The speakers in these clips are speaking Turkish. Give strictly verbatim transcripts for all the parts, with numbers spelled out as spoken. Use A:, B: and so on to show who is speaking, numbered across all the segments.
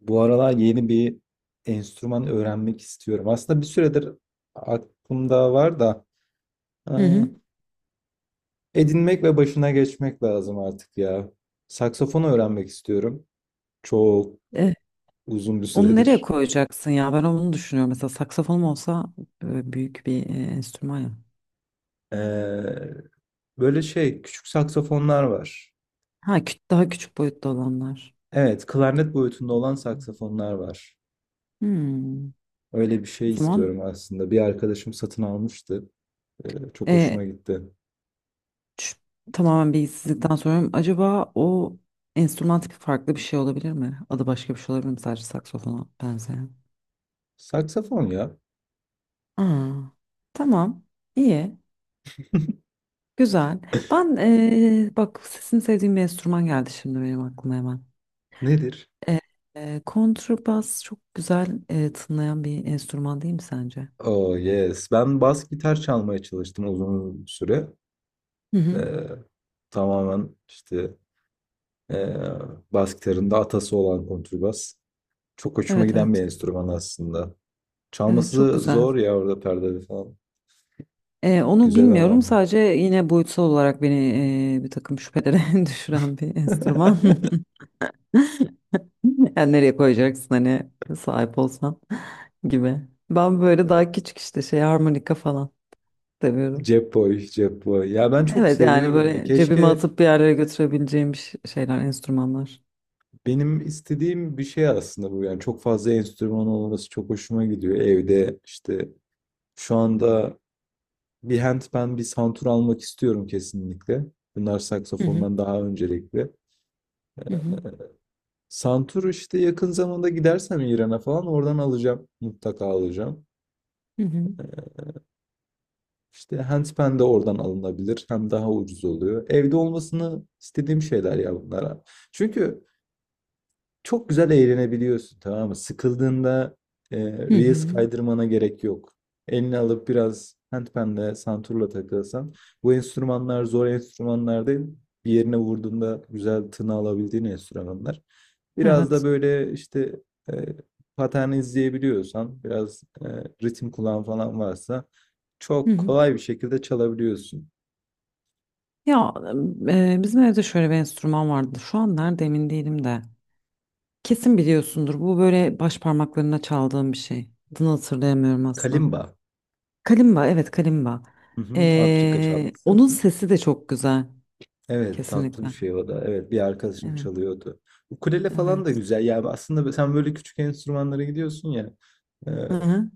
A: Bu aralar yeni bir enstrüman öğrenmek istiyorum. Aslında bir süredir aklımda var da
B: Hı hı.
A: ıı, edinmek ve başına geçmek lazım artık ya. Saksafon öğrenmek istiyorum. Çok
B: E,
A: uzun bir
B: Onu nereye
A: süredir.
B: koyacaksın ya? Ben onu düşünüyorum. Mesela saksafonum olsa e, büyük bir e, enstrüman ya.
A: Ee, böyle şey küçük saksafonlar var.
B: Ha, kü- daha küçük boyutta olanlar.
A: Evet, klarnet boyutunda
B: Hı
A: olan
B: hı.
A: saksafonlar var.
B: Hmm.
A: Öyle bir
B: O
A: şey istiyorum
B: zaman
A: aslında. Bir arkadaşım satın almıştı. Ee, çok hoşuma
B: e,
A: gitti.
B: ç- tamamen bilgisizlikten soruyorum. Acaba o enstrüman tipi farklı bir şey olabilir mi? Adı başka bir şey olabilir mi? Sadece saksafona benzeyen.
A: Saksafon ya.
B: Aa, tamam. İyi. Güzel. Ben e, bak sesini sevdiğim bir enstrüman geldi şimdi benim aklıma hemen.
A: Nedir?
B: E, e, kontrabas çok güzel e, tınlayan bir enstrüman değil mi sence?
A: Oh yes. Ben bas gitar çalmaya çalıştım uzun süre.
B: Hı hı.
A: Ee, tamamen işte ee, bas gitarın da atası olan kontrbas. Çok hoşuma
B: Evet
A: giden bir
B: evet.
A: enstrüman aslında.
B: Evet çok
A: Çalması
B: güzel.
A: zor ya orada perdeli falan.
B: E, onu
A: Güzel ama.
B: bilmiyorum sadece yine boyutsal olarak beni e, bir takım şüphelere düşüren bir enstrüman. Yani nereye koyacaksın hani sahip olsan gibi. Ben böyle daha küçük işte şey harmonika falan seviyorum.
A: Cep boy, cep boy. Ya ben çok
B: Evet yani
A: seviyorum ya.
B: böyle cebime
A: Keşke
B: atıp bir yerlere götürebileceğim bir ş- şeyler, enstrümanlar.
A: benim istediğim bir şey aslında bu. Yani çok fazla enstrüman olması çok hoşuma gidiyor. Evde işte şu anda bir handpan, bir santur almak istiyorum kesinlikle. Bunlar
B: Hı hı.
A: saksafondan daha öncelikli.
B: Hı hı.
A: Santur işte yakın zamanda gidersem İran'a falan oradan alacağım. Mutlaka alacağım.
B: Hı hı.
A: İşte handpan de oradan alınabilir. Hem daha ucuz oluyor. Evde olmasını istediğim şeyler ya bunlara. Çünkü çok güzel eğlenebiliyorsun, tamam mı? Sıkıldığında e,
B: Hı
A: Reels
B: hı.
A: kaydırmana gerek yok. Elini alıp biraz handpan'le, santurla takılsan. Bu enstrümanlar zor enstrümanlar değil. Bir yerine vurduğunda güzel tını alabildiğin enstrümanlar. Biraz da
B: Evet.
A: böyle işte e, pattern izleyebiliyorsan, biraz e, ritim kulağın falan varsa
B: Hı
A: çok
B: hı.
A: kolay bir şekilde çalabiliyorsun.
B: Ya e, bizim evde şöyle bir enstrüman vardı. Şu an nerede emin değilim de. Kesin biliyorsundur. Bu böyle baş parmaklarına çaldığım bir şey. Adını hatırlayamıyorum aslında.
A: Kalimba.
B: Kalimba, evet kalimba.
A: Hı hı, Afrika
B: E,
A: çalgısı.
B: onun sesi de çok güzel.
A: Evet, tatlı bir
B: Kesinlikle.
A: şey o da. Evet, bir arkadaşım
B: Evet,
A: çalıyordu. Ukulele falan da
B: evet.
A: güzel. Yani aslında sen böyle küçük enstrümanlara gidiyorsun ya. e,
B: Hı-hı.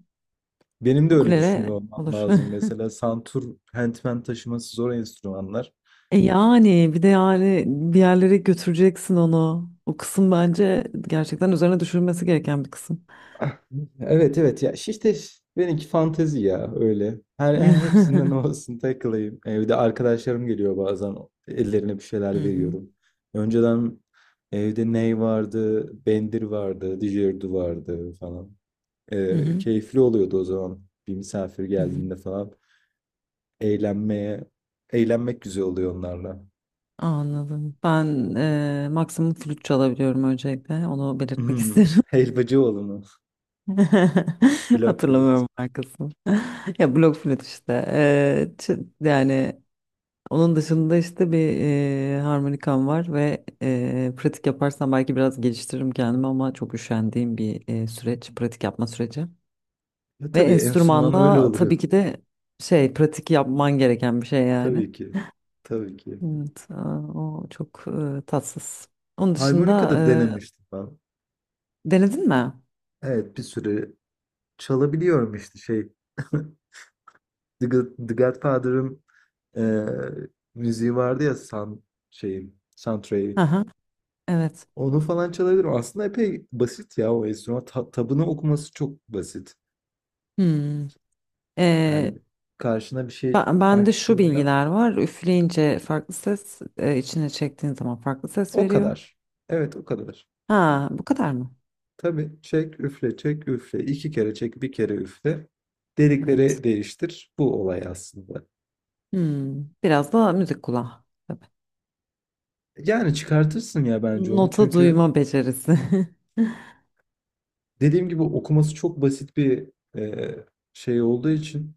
A: benim de öyle düşünüyor
B: Ukulele
A: olmam
B: olur.
A: lazım. Mesela santur, hentmen taşıması zor enstrümanlar.
B: E yani bir de yani bir yerlere götüreceksin onu. O kısım bence gerçekten üzerine düşürülmesi gereken bir kısım.
A: Ah, evet evet ya işte benimki fantezi ya öyle. Her, her hepsinden
B: Hı
A: olsun takılayım. Evde arkadaşlarım geliyor bazen ellerine bir şeyler
B: hı.
A: veriyorum. Önceden evde ney vardı, bendir vardı, didgeridoo vardı falan.
B: Hı
A: Ee,
B: hı.
A: keyifli oluyordu o zaman. Bir misafir
B: Hı hı.
A: geldiğinde falan. Eğlenmeye, eğlenmek güzel oluyor onlarla.
B: Anladım. Ben eee, maksimum flüt çalabiliyorum öncelikle. Onu belirtmek
A: Hmm,
B: isterim.
A: Helvacıoğlu mu? Block flüt.
B: Hatırlamıyorum markasını. Ya blok flüt işte. Eee, ç- yani onun dışında işte bir eee, harmonikam var ve eee, pratik yaparsam belki biraz geliştiririm kendimi ama çok üşendiğim bir eee, süreç, pratik yapma süreci.
A: Ya
B: Ve
A: tabii enstrüman öyle
B: enstrümanla tabii
A: oluyor.
B: ki de şey pratik yapman gereken bir şey yani.
A: Tabii ki. Tabii ki.
B: Evet, aa, o çok eee, tatsız. Onun dışında
A: Harmonika da denemiştim ben.
B: denedin mi?
A: Evet, bir süre çalabiliyorum işte şey. The God- The Godfather'ın eee, müziği vardı ya san şeyin,
B: Hı
A: soundtrack'i.
B: hı, evet.
A: Onu falan çalabilirim. Aslında epey basit ya o enstrüman. Ta- tabını okuması çok basit.
B: Hmm. Ee,
A: Yani karşına bir şey
B: ben, bende şu
A: açtığında
B: bilgiler var. Üfleyince farklı ses, e, içine çektiğin zaman farklı ses
A: o
B: veriyor.
A: kadar. Evet, o kadar.
B: Ha, bu kadar mı?
A: Tabii, çek üfle çek üfle. İki kere çek, bir kere üfle.
B: Evet.
A: Delikleri değiştir. Bu olay aslında.
B: Hmm. Biraz da müzik kulağı. Tabii.
A: Yani çıkartırsın ya bence onu.
B: Nota
A: Çünkü
B: duyma becerisi.
A: dediğim gibi okuması çok basit bir e, şey olduğu için,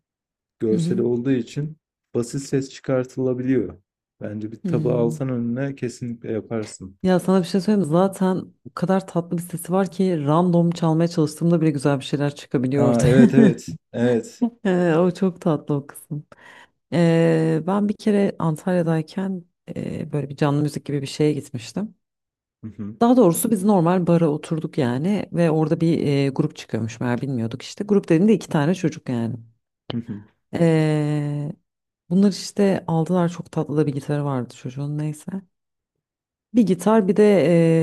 B: Hı
A: görseli
B: hı.
A: olduğu için basit ses çıkartılabiliyor. Bence bir tabağı
B: Hmm.
A: alsan önüne kesinlikle yaparsın.
B: Ya sana bir şey söyleyeyim mi? Zaten o kadar tatlı bir sesi var ki random çalmaya çalıştığımda bile güzel bir şeyler çıkabiliyor
A: Aa,
B: ortaya.
A: evet evet evet.
B: Ee, o çok tatlı o kısım. Ee, ben bir kere Antalya'dayken e, böyle bir canlı müzik gibi bir şeye gitmiştim.
A: Hı hı,
B: Daha doğrusu biz normal bara oturduk yani ve orada bir e, grup çıkıyormuş meğer, bilmiyorduk işte. Grup dediğimde iki tane çocuk yani.
A: hı hı.
B: Ee, Bunlar işte aldılar, çok tatlı da bir gitarı vardı çocuğun, neyse. Bir gitar bir de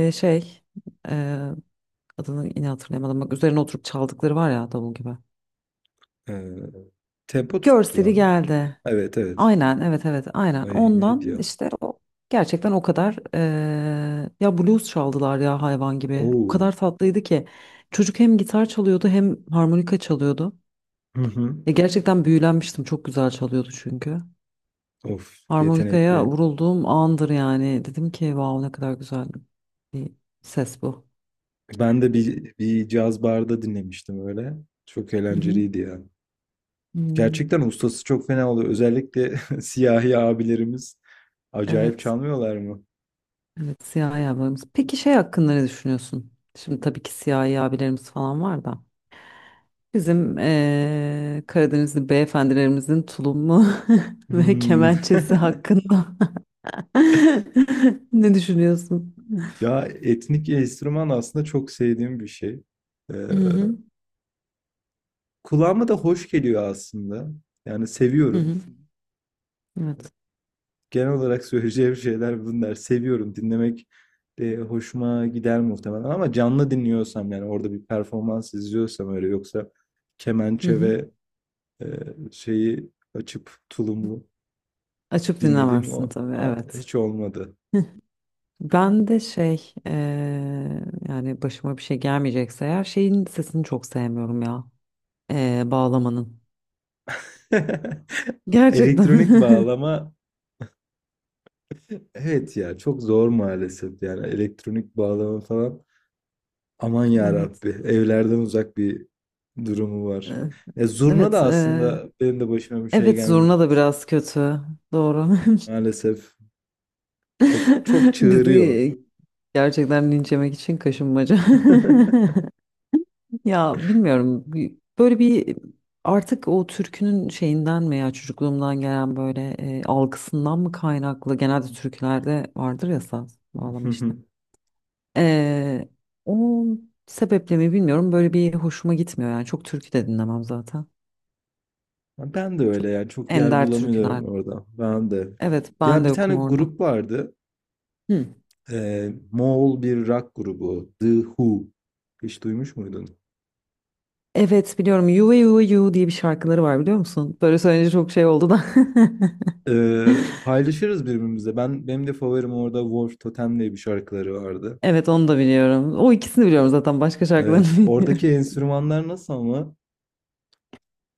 B: e, şey e, adını yine hatırlayamadım bak, üzerine oturup çaldıkları var ya davul gibi.
A: Eee, tempo tuttular
B: Görseli
A: mı?
B: geldi.
A: Evet, evet.
B: Aynen evet evet aynen
A: Ay neydi
B: ondan
A: ya?
B: işte o gerçekten o kadar eee, ya blues çaldılar ya, hayvan gibi o
A: Oo.
B: kadar tatlıydı ki çocuk hem gitar çalıyordu hem harmonika çalıyordu,
A: Hı hı.
B: ya gerçekten büyülenmiştim, çok güzel çalıyordu çünkü.
A: Of, yetenekli.
B: Harmonikaya vurulduğum andır yani, dedim ki wow ne kadar güzel bir ses bu.
A: Ben de bir, bir caz barda dinlemiştim öyle. Çok
B: Hı hı.
A: eğlenceliydi ya.
B: Hmm.
A: Gerçekten ustası çok fena oluyor. Özellikle siyahi abilerimiz acayip
B: Evet
A: çalmıyorlar mı?
B: evet, siyahi abilerimiz. Peki şey hakkında ne düşünüyorsun şimdi, tabii ki siyahi abilerimiz falan var da bizim eee Karadenizli beyefendilerimizin tulumu ve
A: Hmm.
B: kemençesi hakkında ne düşünüyorsun?
A: Ya etnik enstrüman aslında çok sevdiğim bir şey. Ee,
B: Hı hı.
A: kulağıma da hoş geliyor aslında. Yani
B: Hı
A: seviyorum.
B: hı. Evet.
A: Genel olarak söyleyeceğim şeyler bunlar. Seviyorum dinlemek de hoşuma gider muhtemelen ama canlı dinliyorsam, yani orada bir performans izliyorsam öyle, yoksa
B: Hı
A: kemençe
B: hı.
A: ve e, şeyi açıp tulumlu
B: Açıp
A: dinlediğim
B: dinlemezsin
A: o
B: tabii,
A: a-
B: evet.
A: hiç olmadı.
B: Ben de şey eee, yani başıma bir şey gelmeyecekse eğer şeyin sesini çok sevmiyorum ya. Eee, bağlamanın. Gerçekten.
A: Elektronik bağlama, evet ya çok zor maalesef, yani elektronik bağlama falan aman ya
B: Evet.
A: Rabbi, evlerden uzak bir durumu var.
B: Eee,
A: Ya zurna da
B: Evet. Eee,
A: aslında benim de başıma bir şey
B: evet zurna
A: gelmeyecek.
B: da biraz kötü. Doğru.
A: Maalesef çok çok
B: Biz
A: çığırıyor.
B: e, gerçekten linç yemek için kaşınmaca. Ya bilmiyorum bir- böyle bir, artık o türkünün şeyinden mi ya, çocukluğumdan gelen böyle e, algısından mı kaynaklı, genelde türkülerde vardır ya saz bağlama işte. E, o sebeple mi bilmiyorum, böyle bir hoşuma gitmiyor yani, çok türkü de dinlemem zaten.
A: Ben de
B: Çok
A: öyle, yani çok yer
B: ender türküler.
A: bulamıyorum orada. Ben de.
B: Evet ben
A: Ya
B: de
A: bir tane
B: yokum orada.
A: grup vardı.
B: Hı.
A: Ee, Moğol bir rock grubu. The Who. Hiç duymuş muydun?
B: Evet biliyorum, You ve You ve You diye bir şarkıları var, biliyor musun? Böyle söyleyince çok şey oldu da.
A: Ee, paylaşırız birbirimize. Ben benim de favorim orada Wolf Totem diye bir şarkıları vardı.
B: Evet onu da biliyorum. O ikisini biliyorum zaten, başka şarkılarını
A: Evet.
B: bilmiyorum.
A: Oradaki enstrümanlar nasıl ama?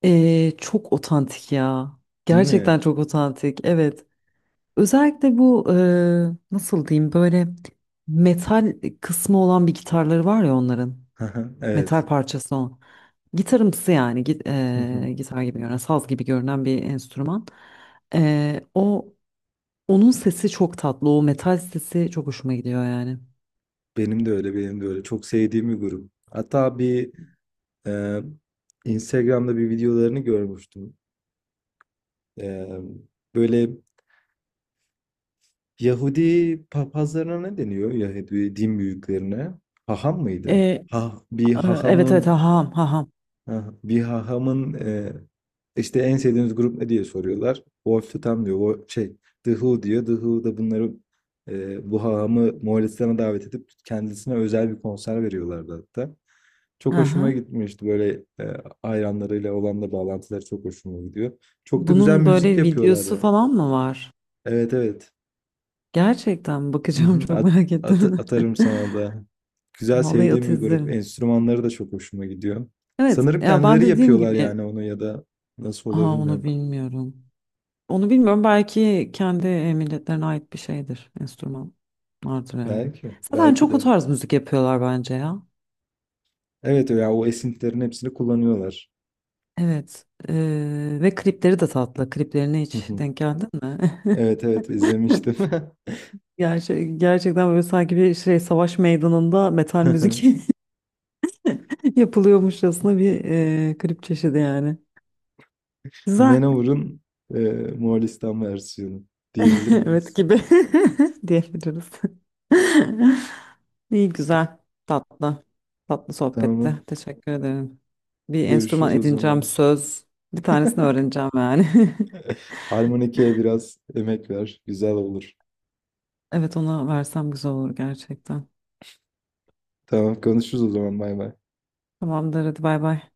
B: Ee, çok otantik ya.
A: Değil
B: Gerçekten
A: mi?
B: çok otantik. Evet. Özellikle bu e, nasıl diyeyim, böyle metal kısmı olan bir gitarları var ya onların.
A: Evet.
B: Metal parçası o. Gitarımsı yani, git, e, gitar gibi görünen, saz gibi görünen bir enstrüman. E, o Onun sesi çok tatlı. O metal sesi çok hoşuma gidiyor yani.
A: Benim de öyle, benim de öyle. Çok sevdiğim bir grup. Hatta bir Ee, Instagram'da bir videolarını görmüştüm. Ee, böyle Yahudi papazlarına ne deniyor? Yahudi din büyüklerine. Haham
B: E,
A: mıydı?
B: e,
A: Ha, bir
B: evet evet,
A: hahamın
B: haham haham.
A: ha- bir hahamın e, işte en sevdiğiniz grup ne diye soruyorlar. Wolf Tam diyor. O şey The Who diyor. The Who da bunları e, bu hahamı Moğolistan'a davet edip kendisine özel bir konser veriyorlardı hatta. Çok hoşuma
B: Aha.
A: gitmişti böyle, e, hayranlarıyla olan da bağlantıları çok hoşuma gidiyor. Çok da güzel
B: Bunun
A: müzik
B: böyle
A: yapıyorlar
B: videosu
A: ya.
B: falan mı var?
A: Evet evet.
B: Gerçekten
A: Hı
B: bakacağım,
A: hı.
B: çok
A: At-
B: merak
A: at-
B: ettim.
A: atarım sana da. Güzel,
B: Vallahi
A: sevdiğim
B: at,
A: bir grup.
B: izlerim.
A: Enstrümanları da çok hoşuma gidiyor.
B: Evet
A: Sanırım
B: ya ben
A: kendileri
B: dediğim
A: yapıyorlar yani
B: gibi,
A: onu, ya da nasıl oluyor
B: ha onu
A: bilmiyorum.
B: bilmiyorum. Onu bilmiyorum, belki kendi milletlerine ait bir şeydir. Enstrüman vardır yani.
A: Belki,
B: Zaten
A: belki
B: çok o
A: de.
B: tarz müzik yapıyorlar bence ya.
A: Evet ya, o esintilerin hepsini kullanıyorlar.
B: Evet. Eee, ve klipleri de tatlı. Kliplerine
A: Hı
B: hiç
A: hı.
B: denk geldin mi?
A: Evet evet, izlemiştim.
B: Gerçek, gerçekten böyle sanki bir şey savaş meydanında metal müzik yapılıyormuşçasına bir e, klip çeşidi yani. Güzel.
A: Manowar'ın e, Moğolistan versiyonu diyebilir
B: Evet
A: miyiz?
B: gibi diyebiliriz. İyi güzel. Tatlı. Tatlı sohbetti.
A: Tamam.
B: Teşekkür ederim. Bir enstrüman
A: Görüşürüz o
B: edineceğim,
A: zaman.
B: söz. Bir tanesini öğreneceğim yani.
A: Harmonike'ye biraz emek ver. Güzel olur.
B: Evet ona versem güzel olur gerçekten.
A: Tamam, konuşuruz o zaman. Bay bay.
B: Tamamdır hadi, bay bay.